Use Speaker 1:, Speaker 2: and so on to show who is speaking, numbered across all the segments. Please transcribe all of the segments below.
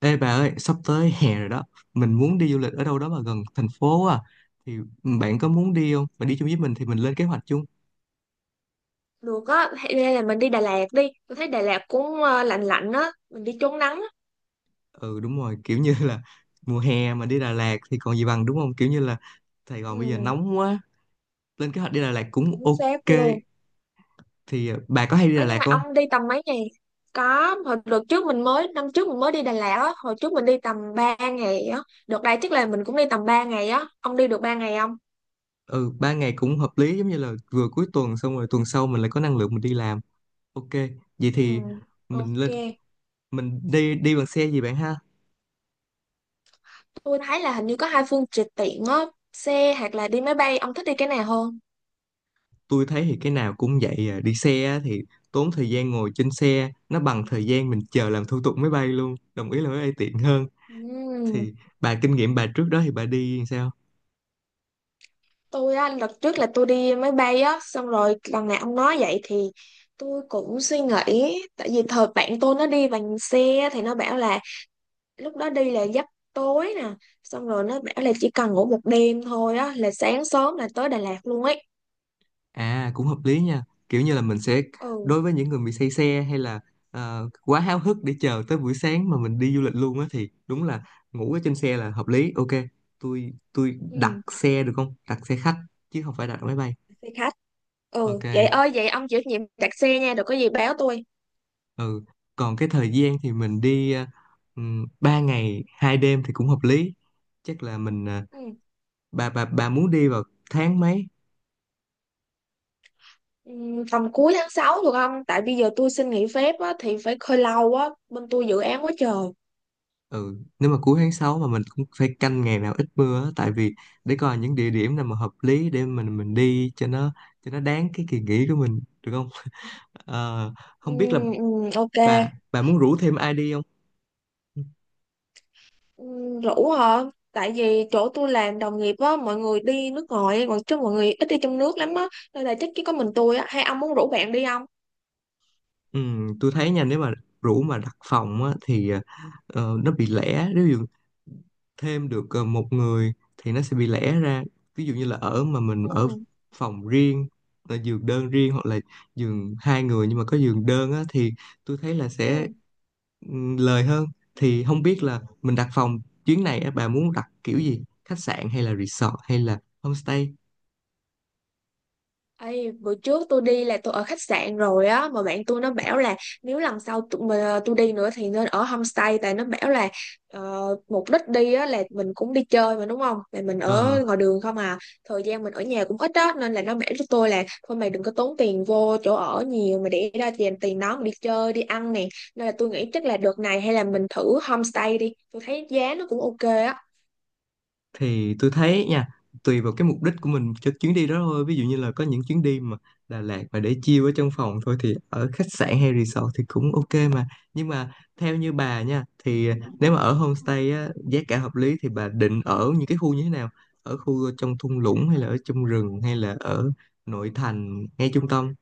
Speaker 1: Ê bà ơi, sắp tới hè rồi đó. Mình muốn đi du lịch ở đâu đó mà gần thành phố à. Thì bạn có muốn đi không? Bạn đi chung với mình thì mình lên kế hoạch chung.
Speaker 2: Được á, hay hay là mình đi Đà Lạt đi. Tôi thấy Đà Lạt cũng lạnh lạnh á, mình đi trốn nắng á.
Speaker 1: Ừ, đúng rồi, kiểu như là mùa hè mà đi Đà Lạt thì còn gì bằng, đúng không? Kiểu như là Sài
Speaker 2: Ừ,
Speaker 1: Gòn bây giờ nóng quá. Lên kế hoạch đi Đà Lạt cũng
Speaker 2: chính xác
Speaker 1: ok.
Speaker 2: luôn.
Speaker 1: Thì bà có hay đi Đà
Speaker 2: Ờ, nhưng
Speaker 1: Lạt
Speaker 2: mà
Speaker 1: không?
Speaker 2: ông đi tầm mấy ngày? Có, hồi đợt trước năm trước mình mới đi Đà Lạt á, hồi trước mình đi tầm 3 ngày á. Đợt đây chắc là mình cũng đi tầm 3 ngày á. Ông đi được 3 ngày không?
Speaker 1: Ừ, 3 ngày cũng hợp lý, giống như là vừa cuối tuần xong rồi tuần sau mình lại có năng lượng mình đi làm. Ok, vậy
Speaker 2: Ừ,
Speaker 1: thì mình
Speaker 2: ok.
Speaker 1: lên mình đi đi bằng xe gì bạn ha?
Speaker 2: Tôi thấy là hình như có hai phương tiện tiện á, xe hoặc là đi máy bay, ông thích đi cái nào hơn?
Speaker 1: Tôi thấy thì cái nào cũng vậy à. Đi xe á thì tốn thời gian ngồi trên xe, nó bằng thời gian mình chờ làm thủ tục máy bay luôn, đồng ý là máy bay tiện hơn.
Speaker 2: Ừ.
Speaker 1: Thì bà kinh nghiệm, bà trước đó thì bà đi sao?
Speaker 2: Tôi á, lần trước là tôi đi máy bay á, xong rồi lần nào ông nói vậy thì tôi cũng suy nghĩ, tại vì thời bạn tôi nó đi bằng xe thì nó bảo là lúc đó đi là giấc tối nè, xong rồi nó bảo là chỉ cần ngủ một đêm thôi á là sáng sớm là tới Đà Lạt luôn ấy.
Speaker 1: À, cũng hợp lý nha, kiểu như là mình sẽ,
Speaker 2: Ừ.
Speaker 1: đối với những người bị say xe hay là quá háo hức để chờ tới buổi sáng mà mình đi du lịch luôn á, thì đúng là ngủ ở trên xe là hợp lý. Ok, tôi đặt
Speaker 2: Ừ,
Speaker 1: xe được không, đặt xe khách chứ không phải đặt máy bay.
Speaker 2: xe khách. Ừ,
Speaker 1: Ok.
Speaker 2: vậy ơi vậy ông chịu trách nhiệm đặt xe nha, đừng có gì báo tôi.
Speaker 1: Ừ. Còn cái thời gian thì mình đi 3 ngày 2 đêm thì cũng hợp lý. Chắc là mình
Speaker 2: Ừ.
Speaker 1: bà muốn đi vào tháng mấy?
Speaker 2: Ừ, tầm cuối tháng 6 được không, tại bây giờ tôi xin nghỉ phép á thì phải hơi lâu á, bên tôi dự án quá trời.
Speaker 1: Ừ, nếu mà cuối tháng 6 mà mình cũng phải canh ngày nào ít mưa á, tại vì để coi những địa điểm nào mà hợp lý để mình đi cho nó đáng cái kỳ nghỉ của mình, được không? Ờ,
Speaker 2: Ừ,
Speaker 1: Không biết là
Speaker 2: ừ, ok.
Speaker 1: bà muốn rủ thêm ai đi không?
Speaker 2: Ừ, rủ hả, tại vì chỗ tôi làm đồng nghiệp á, mọi người đi nước ngoài còn chứ mọi người ít đi trong nước lắm á, nên là chắc chỉ có mình tôi á, hay ông muốn rủ bạn đi không.
Speaker 1: Ừ, tôi thấy nha, nếu mà rủ mà đặt phòng á, thì nó bị lẻ, nếu thêm được một người thì nó sẽ bị lẻ ra. Ví dụ như là ở, mà mình ở
Speaker 2: Ừ.
Speaker 1: phòng riêng, là giường đơn riêng hoặc là giường hai người nhưng mà có giường đơn á, thì tôi thấy là sẽ
Speaker 2: Ừ.
Speaker 1: lời hơn. Thì không biết là mình đặt phòng chuyến này á, bà muốn đặt kiểu gì, khách sạn hay là resort hay là homestay?
Speaker 2: Ê, bữa trước tôi đi là tôi ở khách sạn rồi á, mà bạn tôi nó bảo là nếu lần sau tụi mà tôi đi nữa thì nên ở homestay, tại nó bảo là mục đích đi á là mình cũng đi chơi mà đúng không, là mình
Speaker 1: Ờ
Speaker 2: ở ngoài đường không à, thời gian mình ở nhà cũng ít á, nên là nó bảo cho tôi là thôi mày đừng có tốn tiền vô chỗ ở nhiều, mà để ra tiền tiền đó mà đi chơi đi ăn nè, nên là tôi nghĩ chắc là đợt này hay là mình thử homestay đi, tôi thấy giá nó cũng ok á.
Speaker 1: thì tôi thấy nha, tùy vào cái mục đích của mình cho chuyến đi đó thôi. Ví dụ như là có những chuyến đi mà Đà Lạt mà để chill ở trong phòng thôi thì ở khách sạn hay resort thì cũng ok, mà nhưng mà theo như bà nha, thì nếu mà ở homestay á, giá cả hợp lý, thì bà định ở những cái khu như thế nào? Ở khu trong thung lũng hay là ở trong rừng hay là ở nội thành ngay trung tâm?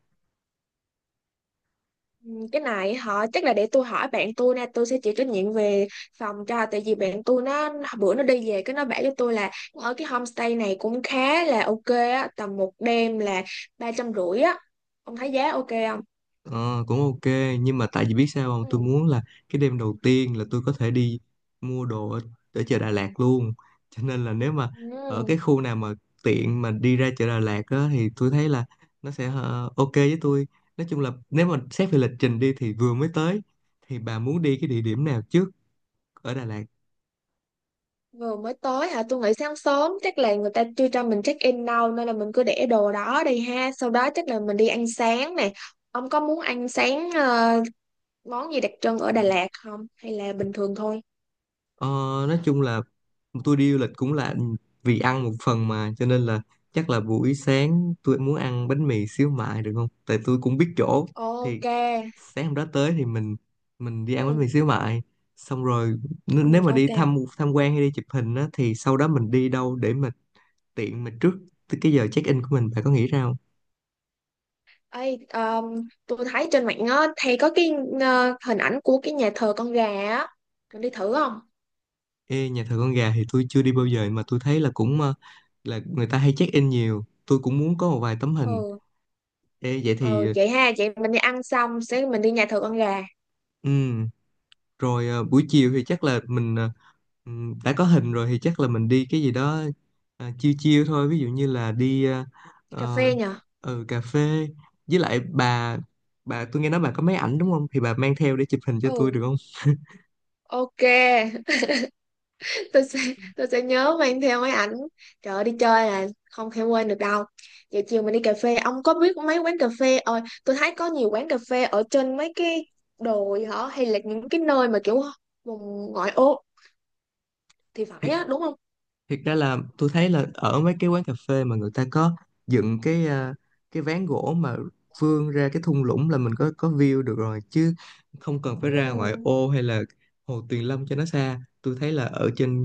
Speaker 2: Ừ, cái này họ chắc là để tôi hỏi bạn tôi nè, tôi sẽ chịu trách nhiệm về phòng cho, tại vì bạn tôi nó bữa nó đi về cái nó bảo cho tôi là ở cái homestay này cũng khá là ok á, tầm một đêm là 350 á. Ông thấy giá ok không.
Speaker 1: Ờ, cũng ok, nhưng mà tại vì biết sao không, tôi
Speaker 2: Ừ.
Speaker 1: muốn là cái đêm đầu tiên là tôi có thể đi mua đồ ở chợ Đà Lạt luôn. Cho nên là nếu mà ở
Speaker 2: Ừ.
Speaker 1: cái khu nào mà tiện mà đi ra chợ Đà Lạt á, thì tôi thấy là nó sẽ ok với tôi. Nói chung là nếu mà xét về lịch trình đi, thì vừa mới tới thì bà muốn đi cái địa điểm nào trước ở Đà Lạt?
Speaker 2: Vừa mới tới hả, tôi nghĩ sáng sớm chắc là người ta chưa cho mình check in đâu, nên là mình cứ để đồ đó đi ha, sau đó chắc là mình đi ăn sáng nè. Ông có muốn ăn sáng món gì đặc trưng ở Đà Lạt không hay là bình thường thôi.
Speaker 1: Ờ, nói chung là tôi đi du lịch cũng là vì ăn một phần, mà cho nên là chắc là buổi sáng tôi muốn ăn bánh mì xíu mại được không? Tại tôi cũng biết chỗ. Thì
Speaker 2: Ok.
Speaker 1: sáng hôm đó tới thì mình đi ăn bánh
Speaker 2: Ừ.
Speaker 1: mì xíu mại, xong rồi
Speaker 2: Ừ,
Speaker 1: nếu mà
Speaker 2: ok.
Speaker 1: đi thăm tham quan hay đi chụp hình á, thì sau đó mình đi đâu để mà tiện, mà trước tới cái giờ check-in của mình, bạn có nghĩ ra không?
Speaker 2: Ê, tôi thấy trên mạng á, thì có cái hình ảnh của cái nhà thờ con gà á. Mình đi thử không?
Speaker 1: Ê, nhà thờ con gà thì tôi chưa đi bao giờ mà tôi thấy là cũng là người ta hay check-in nhiều, tôi cũng muốn có một vài tấm hình.
Speaker 2: Ừ.
Speaker 1: Ê, vậy
Speaker 2: Ừ,
Speaker 1: thì
Speaker 2: vậy ha, chị mình đi ăn xong sẽ mình đi nhà thờ con gà.
Speaker 1: ừ, rồi buổi chiều thì chắc là mình đã có hình rồi thì chắc là mình đi cái gì đó chill chill thôi, ví dụ như là đi
Speaker 2: Đi cà
Speaker 1: ờ,
Speaker 2: phê nhờ?
Speaker 1: cà phê, với lại bà tôi nghe nói bà có máy ảnh đúng không, thì bà mang theo để chụp hình cho tôi
Speaker 2: Ừ,
Speaker 1: được không?
Speaker 2: ok. Tôi sẽ tôi sẽ nhớ mang theo máy ảnh. Trời ơi, đi chơi là không thể quên được đâu. Vậy chiều mình đi cà phê, ông có biết mấy quán cà phê? Ờ, tôi thấy có nhiều quán cà phê ở trên mấy cái đồi hả? Hay là những cái nơi mà kiểu vùng ngoại ô thì phải á, đúng không?
Speaker 1: Thiệt ra là tôi thấy là ở mấy cái quán cà phê mà người ta có dựng cái ván gỗ mà vươn ra cái thung lũng, là mình có view được rồi chứ không cần phải
Speaker 2: Ừ.
Speaker 1: ra ngoại ô hay là Hồ Tuyền Lâm cho nó xa. Tôi thấy là ở trên,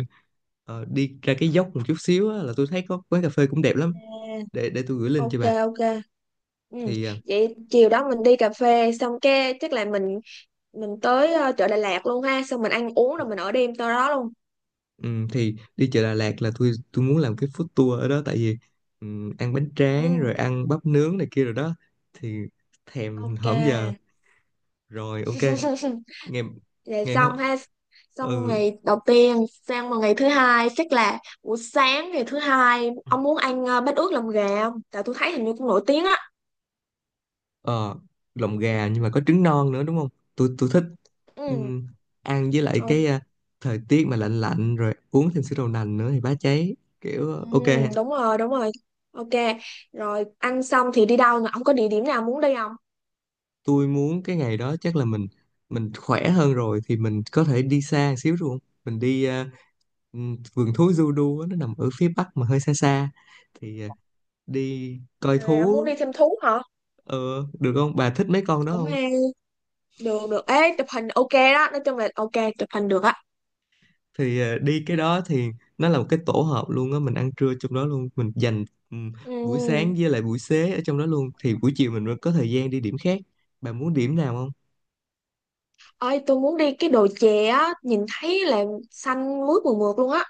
Speaker 1: đi ra cái dốc một chút xíu á, là tôi thấy có quán cà phê cũng đẹp lắm.
Speaker 2: À,
Speaker 1: Để tôi gửi link cho
Speaker 2: ok,
Speaker 1: bà.
Speaker 2: ok, ừ.
Speaker 1: Thì à,
Speaker 2: Vậy chiều đó mình đi cà phê xong cái chắc là mình tới chợ Đà Lạt luôn ha, xong mình ăn uống rồi mình ở đêm tới đó luôn.
Speaker 1: thì đi chợ Đà Lạt là tôi muốn làm cái food tour ở đó, tại vì ăn bánh tráng
Speaker 2: Ừ.
Speaker 1: rồi ăn bắp nướng này kia rồi đó, thì thèm
Speaker 2: Ok.
Speaker 1: hổm giờ. Rồi ok. nghe
Speaker 2: Vậy
Speaker 1: nghe hơ-
Speaker 2: xong ha, xong
Speaker 1: Ừ,
Speaker 2: ngày đầu tiên sang vào ngày thứ hai, chắc là buổi sáng ngày thứ hai ông muốn ăn bát ướt lòng gà không, tại tôi thấy hình như cũng nổi tiếng á.
Speaker 1: ờ lòng gà nhưng mà có trứng non nữa đúng không? Tôi thích.
Speaker 2: Ừ.
Speaker 1: Ừm, ăn với lại
Speaker 2: Ok.
Speaker 1: thời tiết mà lạnh lạnh rồi uống thêm sữa đậu nành nữa thì bá cháy, kiểu
Speaker 2: Ừ,
Speaker 1: ok.
Speaker 2: đúng rồi đúng rồi, ok. Rồi ăn xong thì đi đâu nè, ông có địa điểm nào muốn đi không.
Speaker 1: Tôi muốn cái ngày đó chắc là mình khỏe hơn rồi thì mình có thể đi xa xíu đúng không, mình đi vườn thú Zudu á, nó nằm ở phía bắc mà hơi xa xa, thì đi coi
Speaker 2: À, ông
Speaker 1: thú
Speaker 2: muốn đi thêm thú hả.
Speaker 1: ờ, được không, bà thích mấy con đó
Speaker 2: Cũng
Speaker 1: không?
Speaker 2: hay, được được ấy, chụp hình ok đó, nói chung là ok, chụp hình được á.
Speaker 1: Thì đi cái đó thì nó là một cái tổ hợp luôn á, mình ăn trưa trong đó luôn, mình dành buổi sáng
Speaker 2: Ừ.
Speaker 1: với lại buổi xế ở trong đó luôn, thì buổi chiều mình mới có thời gian đi điểm khác, bà muốn điểm nào không?
Speaker 2: Ơi tôi muốn đi cái đồi chè á, nhìn thấy là xanh mướt mượt mượt luôn á.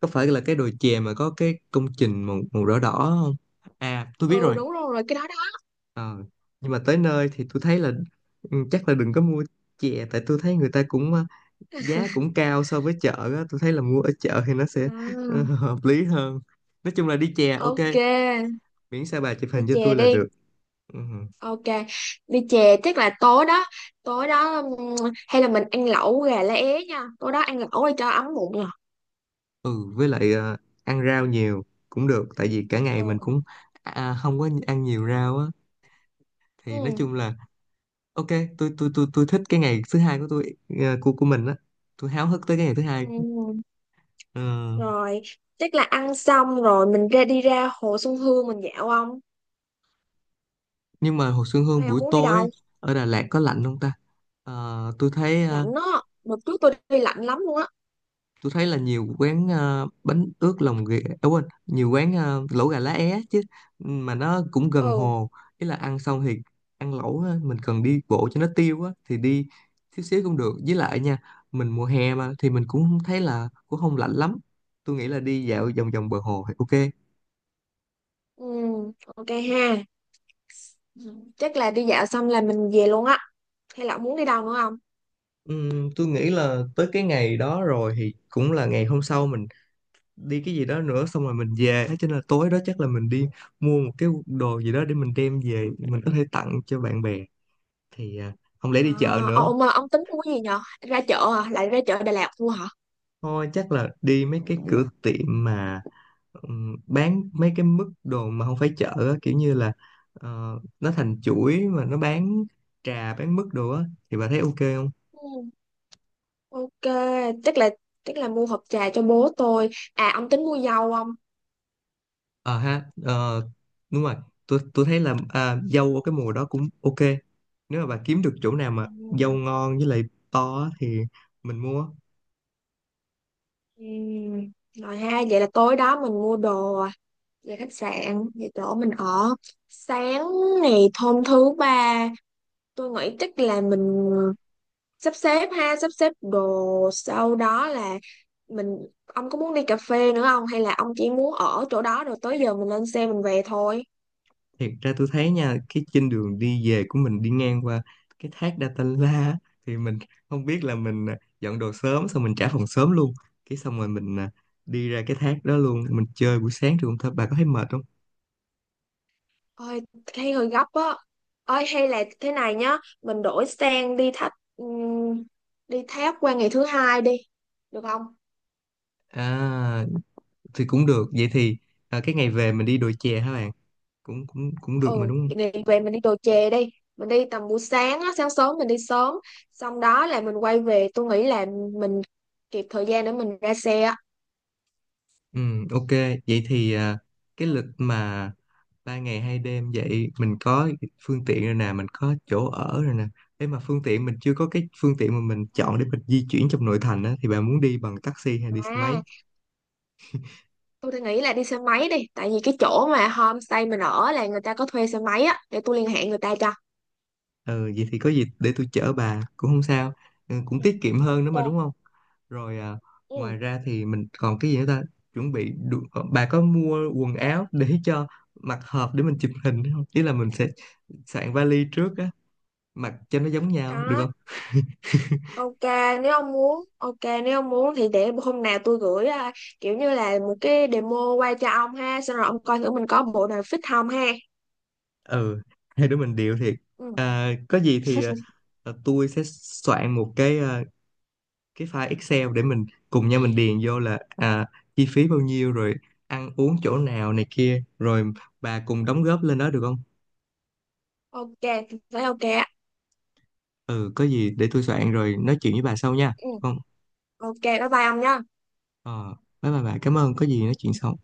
Speaker 1: Có phải là cái đồi chè mà có cái công trình màu màu đỏ đỏ không? À, tôi biết
Speaker 2: Ừ,
Speaker 1: rồi.
Speaker 2: đúng rồi rồi, cái đó đó.
Speaker 1: Ờ, nhưng mà tới nơi thì tôi thấy là chắc là đừng có mua chè, tại tôi thấy người ta cũng giá cũng cao so với chợ á, tôi thấy là mua ở chợ thì nó sẽ
Speaker 2: Ừ,
Speaker 1: hợp lý hơn. Nói chung là đi chè ok,
Speaker 2: ok.
Speaker 1: miễn sao bà chụp
Speaker 2: Đi
Speaker 1: hình cho
Speaker 2: chè
Speaker 1: tôi là
Speaker 2: đi.
Speaker 1: được. Ừ.
Speaker 2: Ok, đi chè chắc là tối đó hay là mình ăn lẩu gà lá é nha, tối đó ăn lẩu để cho ấm bụng nè.
Speaker 1: Ừ, với lại ăn rau nhiều cũng được tại vì cả ngày mình
Speaker 2: Ừ.
Speaker 1: cũng không có ăn nhiều rau á, thì nói
Speaker 2: Ừ.
Speaker 1: chung là ok. Tôi thích cái ngày thứ hai của tôi, của mình á, tôi háo hức tới cái ngày thứ hai.
Speaker 2: Ừ.
Speaker 1: Ờ,
Speaker 2: Rồi chắc là ăn xong rồi mình ra đi ra hồ Xuân Hương mình dạo không,
Speaker 1: nhưng mà hồ Xuân Hương
Speaker 2: hay ông
Speaker 1: buổi
Speaker 2: muốn đi
Speaker 1: tối
Speaker 2: đâu.
Speaker 1: ở Đà Lạt có lạnh không ta? Ờ, tôi thấy ờ,
Speaker 2: Lạnh đó, đợt trước tôi đi lạnh lắm luôn á.
Speaker 1: tôi thấy là nhiều quán bánh ướt lòng ghẹ, à quên, nhiều quán lẩu gà lá é chứ, mà nó cũng gần
Speaker 2: Ừ.
Speaker 1: hồ. Ý là ăn xong thì ăn lẩu á, mình cần đi bộ cho nó tiêu á, thì đi xíu xíu cũng được. Với lại nha, mình mùa hè mà, thì mình cũng không thấy là, cũng không lạnh lắm. Tôi nghĩ là đi dạo vòng vòng bờ hồ thì ok.
Speaker 2: Ừ, ok ha, chắc là đi dạo xong là mình về luôn á, hay là ông muốn đi đâu nữa không.
Speaker 1: Tôi nghĩ là tới cái ngày đó rồi thì cũng là ngày hôm sau mình đi cái gì đó nữa xong rồi mình về, thế cho nên là tối đó chắc là mình đi mua một cái đồ gì đó để mình đem về, mình có thể tặng cho bạn bè. Thì không lẽ
Speaker 2: À,
Speaker 1: đi chợ nữa?
Speaker 2: ông tính mua cái gì nhở, ra chợ à, lại ra chợ Đà Lạt mua hả.
Speaker 1: Thôi chắc là đi mấy cái cửa tiệm mà bán mấy cái mức đồ mà không phải chợ á, kiểu như là ờ, nó thành chuỗi mà nó bán trà, bán mức đồ á, thì bà thấy ok không?
Speaker 2: Ừ. Ok, chắc là chắc là mua hộp trà cho bố tôi, à ông tính mua dâu không.
Speaker 1: Ờ ha ờ, đúng rồi, tôi thấy là dâu ở cái mùa đó cũng ok. Nếu mà bà kiếm được chỗ nào mà dâu
Speaker 2: Ừ.
Speaker 1: ngon với lại to á thì mình mua.
Speaker 2: Ừ. Rồi ha, vậy là tối đó mình mua đồ, về khách sạn về chỗ mình ở. Sáng ngày hôm thứ ba tôi nghĩ chắc là mình sắp xếp ha, sắp xếp đồ, sau đó là mình, ông có muốn đi cà phê nữa không, hay là ông chỉ muốn ở chỗ đó rồi tới giờ mình lên xe mình về thôi.
Speaker 1: Thiệt ra tôi thấy nha, cái trên đường đi về của mình đi ngang qua cái thác Datanla á, thì mình không biết là mình, dọn đồ sớm xong mình trả phòng sớm luôn, cái xong rồi mình đi ra cái thác đó luôn, mình chơi buổi sáng trường thôi, bà có thấy mệt không?
Speaker 2: Ôi thấy hơi gấp á, ôi hay là thế này nhá, mình đổi sang đi thách đi tháp qua ngày thứ hai đi được không.
Speaker 1: À, thì cũng được. Vậy thì cái ngày về mình đi đồi chè hả bạn, cũng cũng cũng được mà
Speaker 2: Ừ,
Speaker 1: đúng không?
Speaker 2: ngày về mình đi đồ chè đi, mình đi tầm buổi sáng á, sáng sớm mình đi sớm, xong đó là mình quay về, tôi nghĩ là mình kịp thời gian để mình ra xe á.
Speaker 1: Ừ, ok, vậy thì cái lịch mà 3 ngày 2 đêm vậy, mình có phương tiện rồi nè, mình có chỗ ở rồi nè. Thế mà phương tiện, mình chưa có cái phương tiện mà mình
Speaker 2: Ừ.
Speaker 1: chọn để mình di chuyển trong nội thành á, thì bà muốn đi bằng taxi hay đi xe máy?
Speaker 2: À, tôi đang nghĩ là đi xe máy đi, tại vì cái chỗ mà homestay mình ở là người ta có thuê xe máy á, để tôi liên hệ người ta cho.
Speaker 1: Ừ, vậy thì có gì để tôi chở bà cũng không sao, ừ,
Speaker 2: Ừ,
Speaker 1: cũng tiết kiệm hơn nữa mà
Speaker 2: ok.
Speaker 1: đúng không? Rồi, ngoài
Speaker 2: Ừ.
Speaker 1: ra thì mình còn cái gì nữa ta? Chuẩn bị đủ- ờ, Bà có mua quần áo để cho mặc hợp để mình chụp hình không? Ý là mình sẽ soạn vali trước, mặc cho nó giống nhau được
Speaker 2: Có,
Speaker 1: không?
Speaker 2: ok, nếu ông muốn, ok, nếu ông muốn thì để hôm nào tôi gửi à, kiểu như là một cái demo qua cho ông ha, xong rồi ông coi thử mình có bộ nào fit không ha.
Speaker 1: Ừ, hai đứa mình điệu thiệt.
Speaker 2: Ừ.
Speaker 1: Có gì thì tôi sẽ soạn một cái file Excel để mình cùng nhau mình điền vô là chi phí bao nhiêu rồi ăn uống chỗ nào này kia rồi, bà cùng đóng góp lên đó được không?
Speaker 2: Ok, thấy ok á.
Speaker 1: Ừ, có gì để tôi soạn rồi nói chuyện với bà sau nha.
Speaker 2: Ừ.
Speaker 1: Không.
Speaker 2: Ok, bye bye ông nhé.
Speaker 1: ờ Bye bye bà, cảm ơn, có gì nói chuyện sau.